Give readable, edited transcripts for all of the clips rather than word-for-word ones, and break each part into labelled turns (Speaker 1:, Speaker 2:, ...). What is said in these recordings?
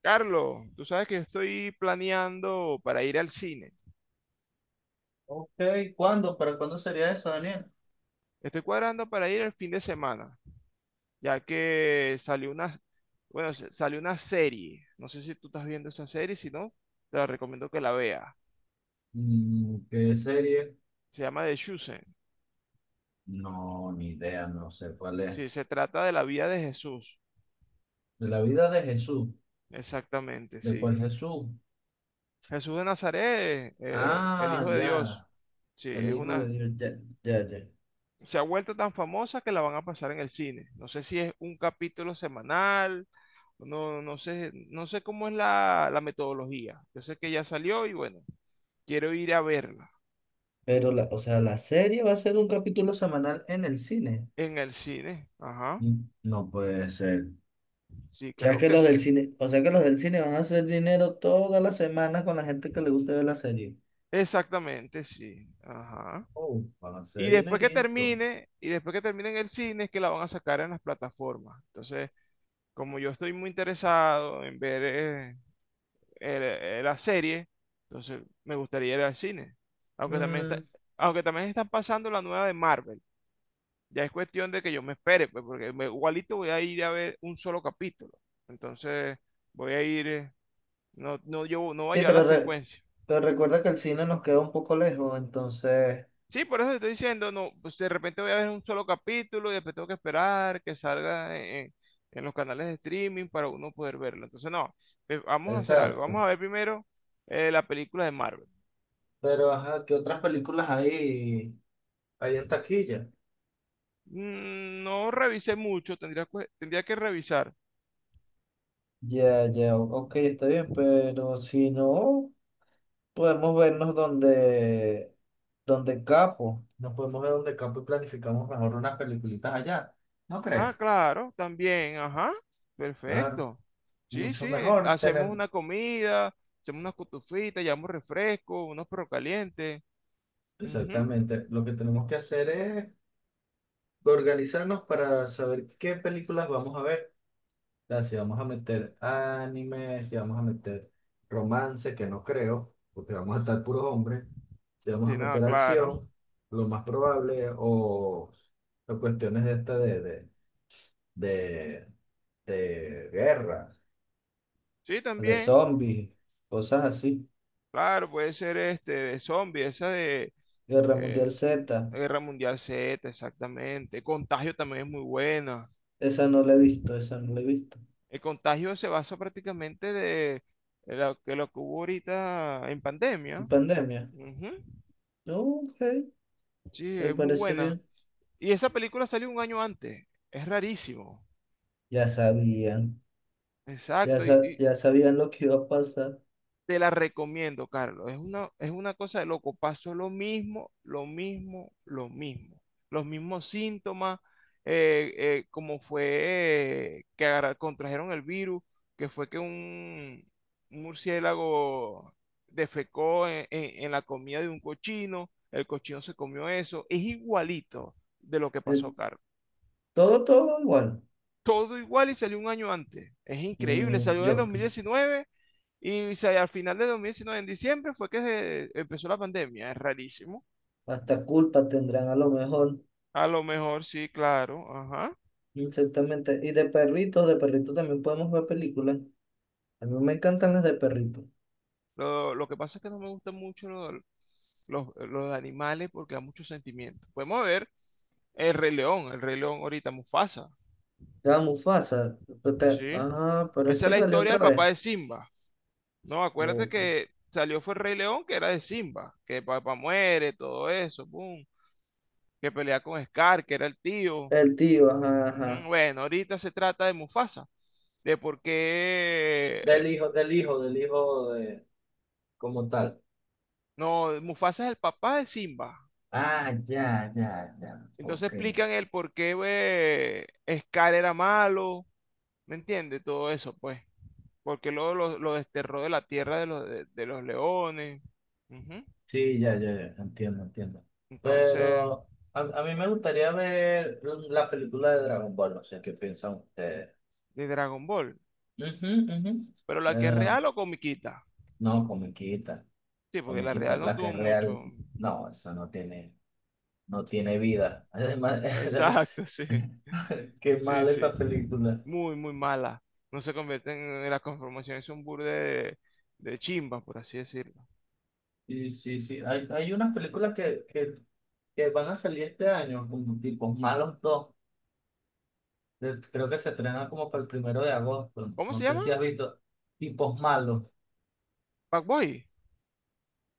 Speaker 1: Carlos, tú sabes que estoy planeando para ir al cine.
Speaker 2: Ok, ¿cuándo? ¿Para cuándo sería eso, Daniel?
Speaker 1: Estoy cuadrando para ir el fin de semana, ya que salió una, bueno, salió una serie. No sé si tú estás viendo esa serie, si no, te la recomiendo que la veas.
Speaker 2: Mm, ¿qué serie?
Speaker 1: Se llama The Chosen.
Speaker 2: No, ni idea, no sé cuál es.
Speaker 1: Sí, se trata de la vida de Jesús.
Speaker 2: De la vida de Jesús.
Speaker 1: Exactamente,
Speaker 2: ¿De
Speaker 1: sí.
Speaker 2: cuál Jesús?
Speaker 1: Jesús de Nazaret, el
Speaker 2: Ah,
Speaker 1: Hijo de Dios.
Speaker 2: ya,
Speaker 1: Sí,
Speaker 2: el
Speaker 1: es
Speaker 2: hijo de
Speaker 1: una,
Speaker 2: Dios, ya, ya, ya.
Speaker 1: se ha vuelto tan famosa que la van a pasar en el cine. No sé si es un capítulo semanal, no, no sé, no sé cómo es la metodología. Yo sé que ya salió y bueno, quiero ir a verla
Speaker 2: Pero, la serie va a ser un capítulo semanal en el cine.
Speaker 1: en el cine. Ajá,
Speaker 2: Mm, no puede ser.
Speaker 1: sí,
Speaker 2: O sea
Speaker 1: creo
Speaker 2: que
Speaker 1: que
Speaker 2: los del
Speaker 1: sí.
Speaker 2: cine, o sea que los del cine van a hacer dinero todas las semanas con la gente que le gusta ver la serie.
Speaker 1: Exactamente, sí. Ajá.
Speaker 2: Oh, van a
Speaker 1: Y
Speaker 2: ser
Speaker 1: después que
Speaker 2: dinerito.
Speaker 1: termine, y después que termine en el cine, es que la van a sacar en las plataformas. Entonces, como yo estoy muy interesado en ver era serie, entonces me gustaría ir al cine. Aunque también está, aunque también están pasando la nueva de Marvel. Ya es cuestión de que yo me espere, pues, porque igualito voy a ir a ver un solo capítulo. Entonces voy a ir, no, no, yo no voy a
Speaker 2: Sí,
Speaker 1: llevar la
Speaker 2: pero,
Speaker 1: secuencia.
Speaker 2: pero recuerda que el cine nos queda un poco lejos, entonces.
Speaker 1: Sí, por eso te estoy diciendo, no, pues de repente voy a ver un solo capítulo y después tengo que esperar que salga en los canales de streaming para uno poder verlo. Entonces, no, vamos a hacer algo.
Speaker 2: Exacto.
Speaker 1: Vamos a ver primero la película de Marvel.
Speaker 2: Pero, ajá, ¿qué otras películas hay en taquilla?
Speaker 1: Mm, no revisé mucho, tendría que revisar.
Speaker 2: Ya, ya, ok, está bien, pero si no, podemos donde capo. Nos podemos ver donde campo y planificamos mejor unas peliculitas allá. ¿No crees?
Speaker 1: Ah, claro, también, ajá,
Speaker 2: Claro,
Speaker 1: perfecto. Sí, sí,
Speaker 2: mucho mejor
Speaker 1: hacemos
Speaker 2: tener.
Speaker 1: una comida, hacemos unas cutufitas, llevamos refresco, unos perros calientes. Ujú.
Speaker 2: Exactamente. Lo que tenemos que hacer es organizarnos para saber qué películas vamos a ver. Sea, si vamos a meter anime, si vamos a meter romance, que no creo, porque vamos a estar puros hombres, si vamos a
Speaker 1: Sí, no,
Speaker 2: meter
Speaker 1: claro.
Speaker 2: acción, lo más probable, o cuestiones de de, de guerra,
Speaker 1: Sí,
Speaker 2: de
Speaker 1: también,
Speaker 2: zombies, cosas así.
Speaker 1: claro, puede ser este de zombie, esa de
Speaker 2: Guerra
Speaker 1: eh,
Speaker 2: Mundial Z,
Speaker 1: Guerra Mundial Z, exactamente. Contagio también es muy buena.
Speaker 2: esa no la he visto.
Speaker 1: El contagio se basa prácticamente de lo que hubo ahorita en
Speaker 2: En
Speaker 1: pandemia.
Speaker 2: pandemia.
Speaker 1: Ujú.
Speaker 2: No, ok,
Speaker 1: Sí,
Speaker 2: me
Speaker 1: es muy
Speaker 2: parece
Speaker 1: buena.
Speaker 2: bien.
Speaker 1: Y esa película salió un año antes. Es rarísimo.
Speaker 2: Ya sabían, ya,
Speaker 1: Exacto. Y, y
Speaker 2: ya sabían lo que iba a pasar.
Speaker 1: te la recomiendo, Carlos. Es una cosa de loco. Pasó lo mismo, lo mismo, lo mismo. Los mismos síntomas, como fue que contrajeron el virus, que fue que un murciélago defecó en la comida de un cochino. El cochino se comió eso. Es igualito de lo que
Speaker 2: Eh,
Speaker 1: pasó, Carlos.
Speaker 2: todo igual.
Speaker 1: Todo igual y salió un año antes. Es increíble,
Speaker 2: Mm,
Speaker 1: salió en el dos
Speaker 2: yo,
Speaker 1: mil diecinueve y al final de 2019 en diciembre, fue que se empezó la pandemia. Es rarísimo.
Speaker 2: hasta culpa tendrán a lo mejor,
Speaker 1: A lo mejor sí, claro, ajá.
Speaker 2: exactamente. Y de perritos también podemos ver películas. A mí me encantan las de perritos.
Speaker 1: Lo que pasa es que no me gustan mucho los los animales porque da mucho sentimiento. Podemos ver el Rey León ahorita, Mufasa,
Speaker 2: La Mufasa, pero
Speaker 1: ¿sí?
Speaker 2: pero
Speaker 1: Esa es
Speaker 2: esa
Speaker 1: la
Speaker 2: salió
Speaker 1: historia
Speaker 2: otra
Speaker 1: del papá
Speaker 2: vez.
Speaker 1: de Simba. No, acuérdate
Speaker 2: No,
Speaker 1: que salió fue el Rey León, que era de Simba, que papá muere, todo eso, boom. Que pelea con Scar, que era el tío.
Speaker 2: el tío, ajá,
Speaker 1: Ujú.
Speaker 2: ajá.
Speaker 1: Bueno, ahorita se trata de Mufasa, de por qué...
Speaker 2: Del hijo de, como tal.
Speaker 1: no, Mufasa es el papá de Simba.
Speaker 2: Ah, ya,
Speaker 1: Entonces
Speaker 2: ok.
Speaker 1: explican el por qué Scar era malo, ¿me entiendes? Todo eso, pues. Porque luego lo desterró de la tierra de los, de los leones. Ujú.
Speaker 2: Sí, ya, entiendo.
Speaker 1: Entonces,
Speaker 2: Pero a mí me gustaría ver la película de Dragon Ball, no sé qué piensan ustedes.
Speaker 1: de Dragon Ball.
Speaker 2: Ujú, ujú.
Speaker 1: Pero la
Speaker 2: No,
Speaker 1: que es real o comiquita.
Speaker 2: no, comiquita,
Speaker 1: Sí, porque la real no
Speaker 2: la que
Speaker 1: tuvo
Speaker 2: es real,
Speaker 1: mucho.
Speaker 2: no, eso no tiene, no tiene vida. Además,
Speaker 1: Exacto,
Speaker 2: además,
Speaker 1: sí.
Speaker 2: qué
Speaker 1: Sí,
Speaker 2: mal
Speaker 1: sí.
Speaker 2: esa película.
Speaker 1: Muy, muy mala. No se convierten en la conformación, es un burde de chimba, por así decirlo.
Speaker 2: Sí, hay unas películas que van a salir este año, como tipo Malos dos. Creo que se estrenan como para el 1 de agosto,
Speaker 1: ¿Cómo
Speaker 2: no
Speaker 1: se
Speaker 2: sé
Speaker 1: llama?
Speaker 2: si has visto, tipos malos.
Speaker 1: Pac-Boy.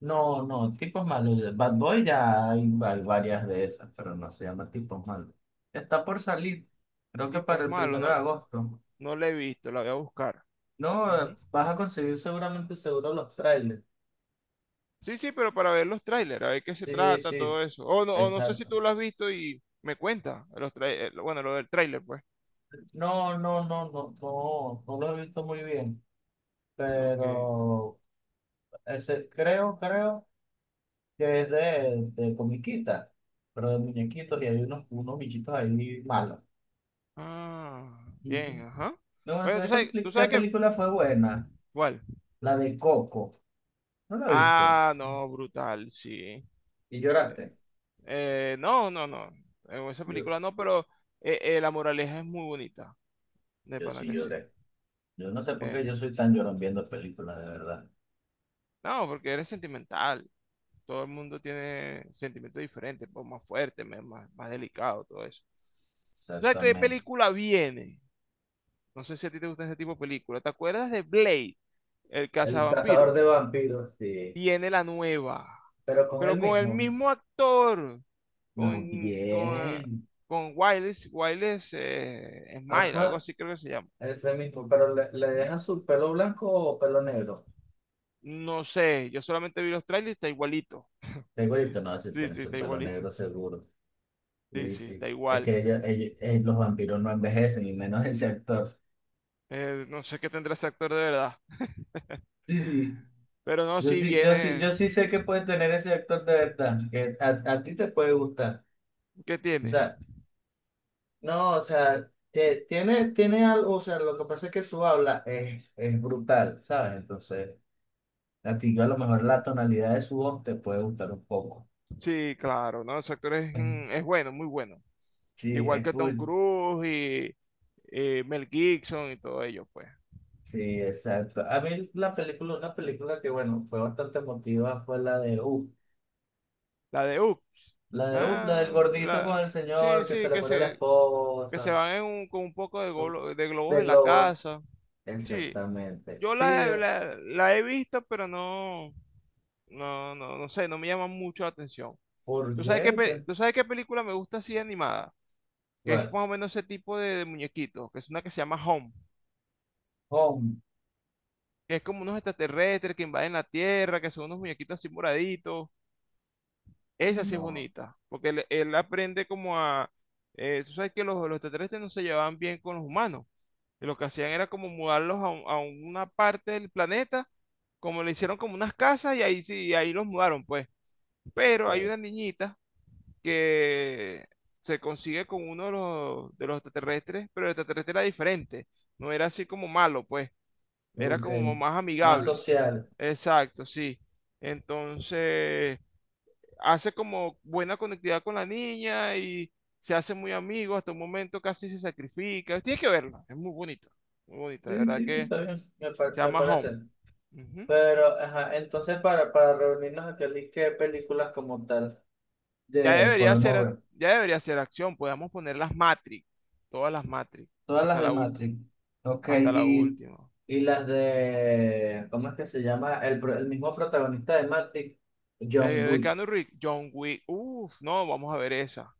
Speaker 2: No, no, tipos malos. De Bad Boy ya hay varias de esas, pero no se llama tipos malos. Está por salir, creo que
Speaker 1: Tipos
Speaker 2: para el
Speaker 1: malos,
Speaker 2: primero de
Speaker 1: no,
Speaker 2: agosto.
Speaker 1: no la he visto, la voy a buscar.
Speaker 2: No,
Speaker 1: Ujú.
Speaker 2: vas a conseguir seguramente seguro los trailers.
Speaker 1: Sí, sí, pero para ver los trailers, a ver qué se
Speaker 2: Sí,
Speaker 1: trata, todo
Speaker 2: sí,
Speaker 1: eso. O no sé si
Speaker 2: exacto.
Speaker 1: tú lo has visto y me cuenta. Bueno, lo del trailer, pues.
Speaker 2: No, no lo he visto muy bien,
Speaker 1: Ok.
Speaker 2: pero ese creo que es de comiquita, pero de muñequitos y hay unos bichitos ahí malos.
Speaker 1: Ah,
Speaker 2: Ujú.
Speaker 1: bien, ajá.
Speaker 2: No,
Speaker 1: Bueno,
Speaker 2: sé qué,
Speaker 1: tú
Speaker 2: qué
Speaker 1: sabes que...
Speaker 2: película fue buena?
Speaker 1: ¿Cuál?
Speaker 2: La de Coco. ¿No la viste?
Speaker 1: Ah, no, brutal, sí.
Speaker 2: ¿Y lloraste?
Speaker 1: No, no, no. En esa
Speaker 2: Yo,
Speaker 1: película no, pero la moraleja es muy bonita. De
Speaker 2: yo
Speaker 1: pana
Speaker 2: sí
Speaker 1: que sí.
Speaker 2: lloré. Yo no sé por
Speaker 1: Eh,
Speaker 2: qué yo soy tan llorón viendo películas, de verdad.
Speaker 1: no, porque eres sentimental. Todo el mundo tiene sentimientos diferentes, pues, más fuerte, más, más delicado, todo eso. O sea, ¿qué
Speaker 2: Exactamente.
Speaker 1: película viene? No sé si a ti te gusta ese tipo de película. ¿Te acuerdas de Blade, el
Speaker 2: El cazador
Speaker 1: cazavampiro?
Speaker 2: de vampiros, sí.
Speaker 1: Viene la nueva,
Speaker 2: Pero con
Speaker 1: pero
Speaker 2: él
Speaker 1: con el
Speaker 2: mismo.
Speaker 1: mismo actor,
Speaker 2: No,
Speaker 1: con, con,
Speaker 2: bien.
Speaker 1: con Wiles, Smile, algo
Speaker 2: Ajá,
Speaker 1: así creo que se llama.
Speaker 2: ese mismo. Pero le dejan su pelo blanco o pelo negro.
Speaker 1: No sé, yo solamente vi los trailers y está igualito.
Speaker 2: Segurito no, si
Speaker 1: Sí,
Speaker 2: tiene
Speaker 1: sí,
Speaker 2: su
Speaker 1: está
Speaker 2: pelo
Speaker 1: igualito.
Speaker 2: negro seguro.
Speaker 1: Sí,
Speaker 2: Sí,
Speaker 1: sí, está
Speaker 2: sí. Es
Speaker 1: igual.
Speaker 2: que los vampiros no envejecen, y menos ese actor.
Speaker 1: No sé qué tendrá ese actor de verdad.
Speaker 2: Sí, sí.
Speaker 1: Pero no, sí viene.
Speaker 2: Yo sí sé que puede tener ese actor de verdad, que a ti te puede gustar.
Speaker 1: ¿Qué
Speaker 2: O
Speaker 1: tiene?
Speaker 2: sea, no, o sea, que tiene algo, o sea, lo que pasa es que su habla es brutal, ¿sabes? Entonces, a ti a lo mejor la tonalidad de su voz te puede gustar un poco.
Speaker 1: Sí, claro, ¿no? Ese actor es, mm, es bueno, muy bueno.
Speaker 2: Sí,
Speaker 1: Igual
Speaker 2: es
Speaker 1: que Tom
Speaker 2: cool.
Speaker 1: Cruise y, Mel Gibson y todo ello, pues.
Speaker 2: Sí, exacto. A mí la película, una película que, bueno, fue bastante emotiva fue la de U.
Speaker 1: La de Hook.
Speaker 2: La de U, la del
Speaker 1: Ah,
Speaker 2: gordito
Speaker 1: la...
Speaker 2: con el
Speaker 1: Sí,
Speaker 2: señor que se
Speaker 1: sí,
Speaker 2: le muere la
Speaker 1: que se
Speaker 2: esposa,
Speaker 1: van en con un poco de,
Speaker 2: ¿no?
Speaker 1: de globos
Speaker 2: De
Speaker 1: en la
Speaker 2: globo.
Speaker 1: casa. Sí,
Speaker 2: Exactamente.
Speaker 1: yo
Speaker 2: Sí,
Speaker 1: la he visto, pero no, no, no, no sé, no me llama mucho la atención. ¿Tú
Speaker 2: porque,
Speaker 1: sabes qué, tú sabes qué película me gusta así animada? Que es
Speaker 2: bueno,
Speaker 1: más o menos ese tipo de muñequitos, que es una que se llama Home,
Speaker 2: home,
Speaker 1: que es como unos extraterrestres que invaden la Tierra, que son unos muñequitos así moraditos. Esa sí es
Speaker 2: no, o
Speaker 1: bonita, porque él aprende como a... tú sabes que los extraterrestres no se llevaban bien con los humanos. Y lo que hacían era como mudarlos a una parte del planeta, como le hicieron como unas casas y ahí sí, ahí los mudaron, pues. Pero hay
Speaker 2: sea
Speaker 1: una niñita que se consigue con uno de los extraterrestres, pero el extraterrestre era diferente. No era así como malo, pues. Era
Speaker 2: ok.
Speaker 1: como más
Speaker 2: Más
Speaker 1: amigable.
Speaker 2: social.
Speaker 1: Exacto, sí. Entonces, hace como buena conectividad con la niña y se hace muy amigo. Hasta un momento casi se sacrifica. Tienes que verla. Es muy bonita. Muy bonita, de
Speaker 2: Sí,
Speaker 1: verdad
Speaker 2: sí,
Speaker 1: que.
Speaker 2: está bien, me,
Speaker 1: Se
Speaker 2: me
Speaker 1: llama
Speaker 2: parece.
Speaker 1: Home. Ujú.
Speaker 2: Pero, ajá, entonces para reunirnos aquí, Ali, ¿qué películas como tal
Speaker 1: Ya
Speaker 2: de,
Speaker 1: debería
Speaker 2: podemos
Speaker 1: ser,
Speaker 2: ver?
Speaker 1: ya debería ser acción. Podemos poner las Matrix. Todas las Matrix.
Speaker 2: Todas las
Speaker 1: Hasta
Speaker 2: de
Speaker 1: la última.
Speaker 2: Matrix. Ok,
Speaker 1: Hasta la última.
Speaker 2: y las de, ¿cómo es que se llama? El, el mismo protagonista de Matrix,
Speaker 1: Eh,
Speaker 2: John
Speaker 1: de
Speaker 2: Wick.
Speaker 1: Keanu Reeves, John Wick. Uf, no, vamos a ver esa.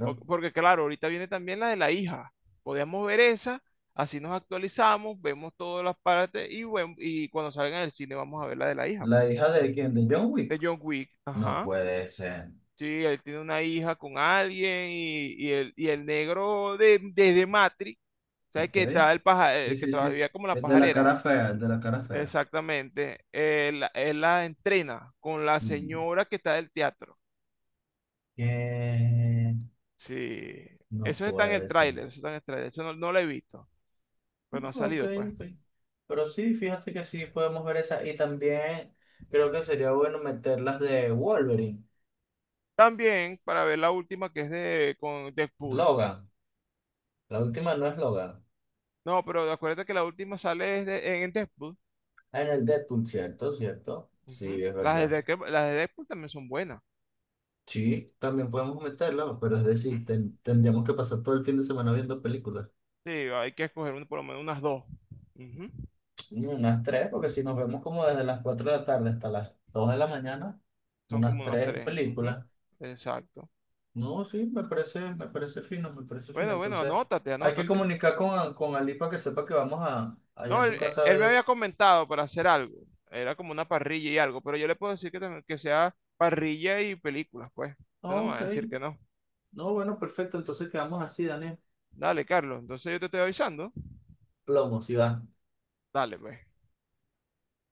Speaker 1: Porque claro, ahorita viene también la de la hija. Podemos ver esa. Así nos actualizamos, vemos todas las partes y, bueno, y cuando salgan en el cine vamos a ver la de la hija.
Speaker 2: ¿La hija de quién? ¿De John
Speaker 1: De
Speaker 2: Wick?
Speaker 1: John Wick.
Speaker 2: No
Speaker 1: Ajá.
Speaker 2: puede ser.
Speaker 1: Sí, él tiene una hija con alguien y el negro de, desde Matrix. ¿Sabes qué?
Speaker 2: Ok.
Speaker 1: Estaba el paja, el que
Speaker 2: Sí.
Speaker 1: trabajaba como la pajarera.
Speaker 2: El de la cara fea.
Speaker 1: Exactamente. Él la entrena con la
Speaker 2: Mm.
Speaker 1: señora que está del teatro.
Speaker 2: Que
Speaker 1: Sí.
Speaker 2: no
Speaker 1: Eso está en el
Speaker 2: puede ser.
Speaker 1: tráiler, eso está en el tráiler. Eso no, no lo he visto, pero no ha
Speaker 2: Ok,
Speaker 1: salido, pues.
Speaker 2: ok. Pero sí, fíjate que sí podemos ver esa. Y también creo que sería bueno meter las de Wolverine,
Speaker 1: También, para ver la última que es de con Deadpool.
Speaker 2: Logan. La última no es Logan.
Speaker 1: No, pero acuérdate que la última sale en Deadpool.
Speaker 2: Ah, en el Deadpool, ¿cierto? ¿Cierto?
Speaker 1: Ujú.
Speaker 2: Sí, es
Speaker 1: Las de,
Speaker 2: verdad.
Speaker 1: Las de Deadpool también son buenas.
Speaker 2: Sí, también podemos meterla, pero es
Speaker 1: Ujú.
Speaker 2: decir, tendríamos que pasar todo el fin de semana viendo películas.
Speaker 1: Sí, hay que escoger por lo menos unas dos. Ujú.
Speaker 2: Mm, unas tres, porque si nos vemos como desde las 4 de la tarde hasta las 2 de la mañana.
Speaker 1: Son
Speaker 2: Unas
Speaker 1: como unas
Speaker 2: tres
Speaker 1: tres. Ujú.
Speaker 2: películas.
Speaker 1: Exacto.
Speaker 2: No, sí, me parece fino, me parece fino.
Speaker 1: Bueno, bueno,
Speaker 2: Entonces,
Speaker 1: anótate,
Speaker 2: hay que
Speaker 1: anótate.
Speaker 2: comunicar con Ali para que sepa que vamos a, allá a
Speaker 1: No, él,
Speaker 2: su casa a
Speaker 1: él me había
Speaker 2: ver.
Speaker 1: comentado para hacer algo. Era como una parrilla y algo, pero yo le puedo decir que sea parrilla y películas, pues. Yo no
Speaker 2: Ah,
Speaker 1: me voy a
Speaker 2: ok,
Speaker 1: decir que no.
Speaker 2: no, bueno, perfecto. Entonces quedamos así, Daniel.
Speaker 1: Dale, Carlos, entonces yo te estoy avisando.
Speaker 2: Plomo, si va.
Speaker 1: Dale, pues.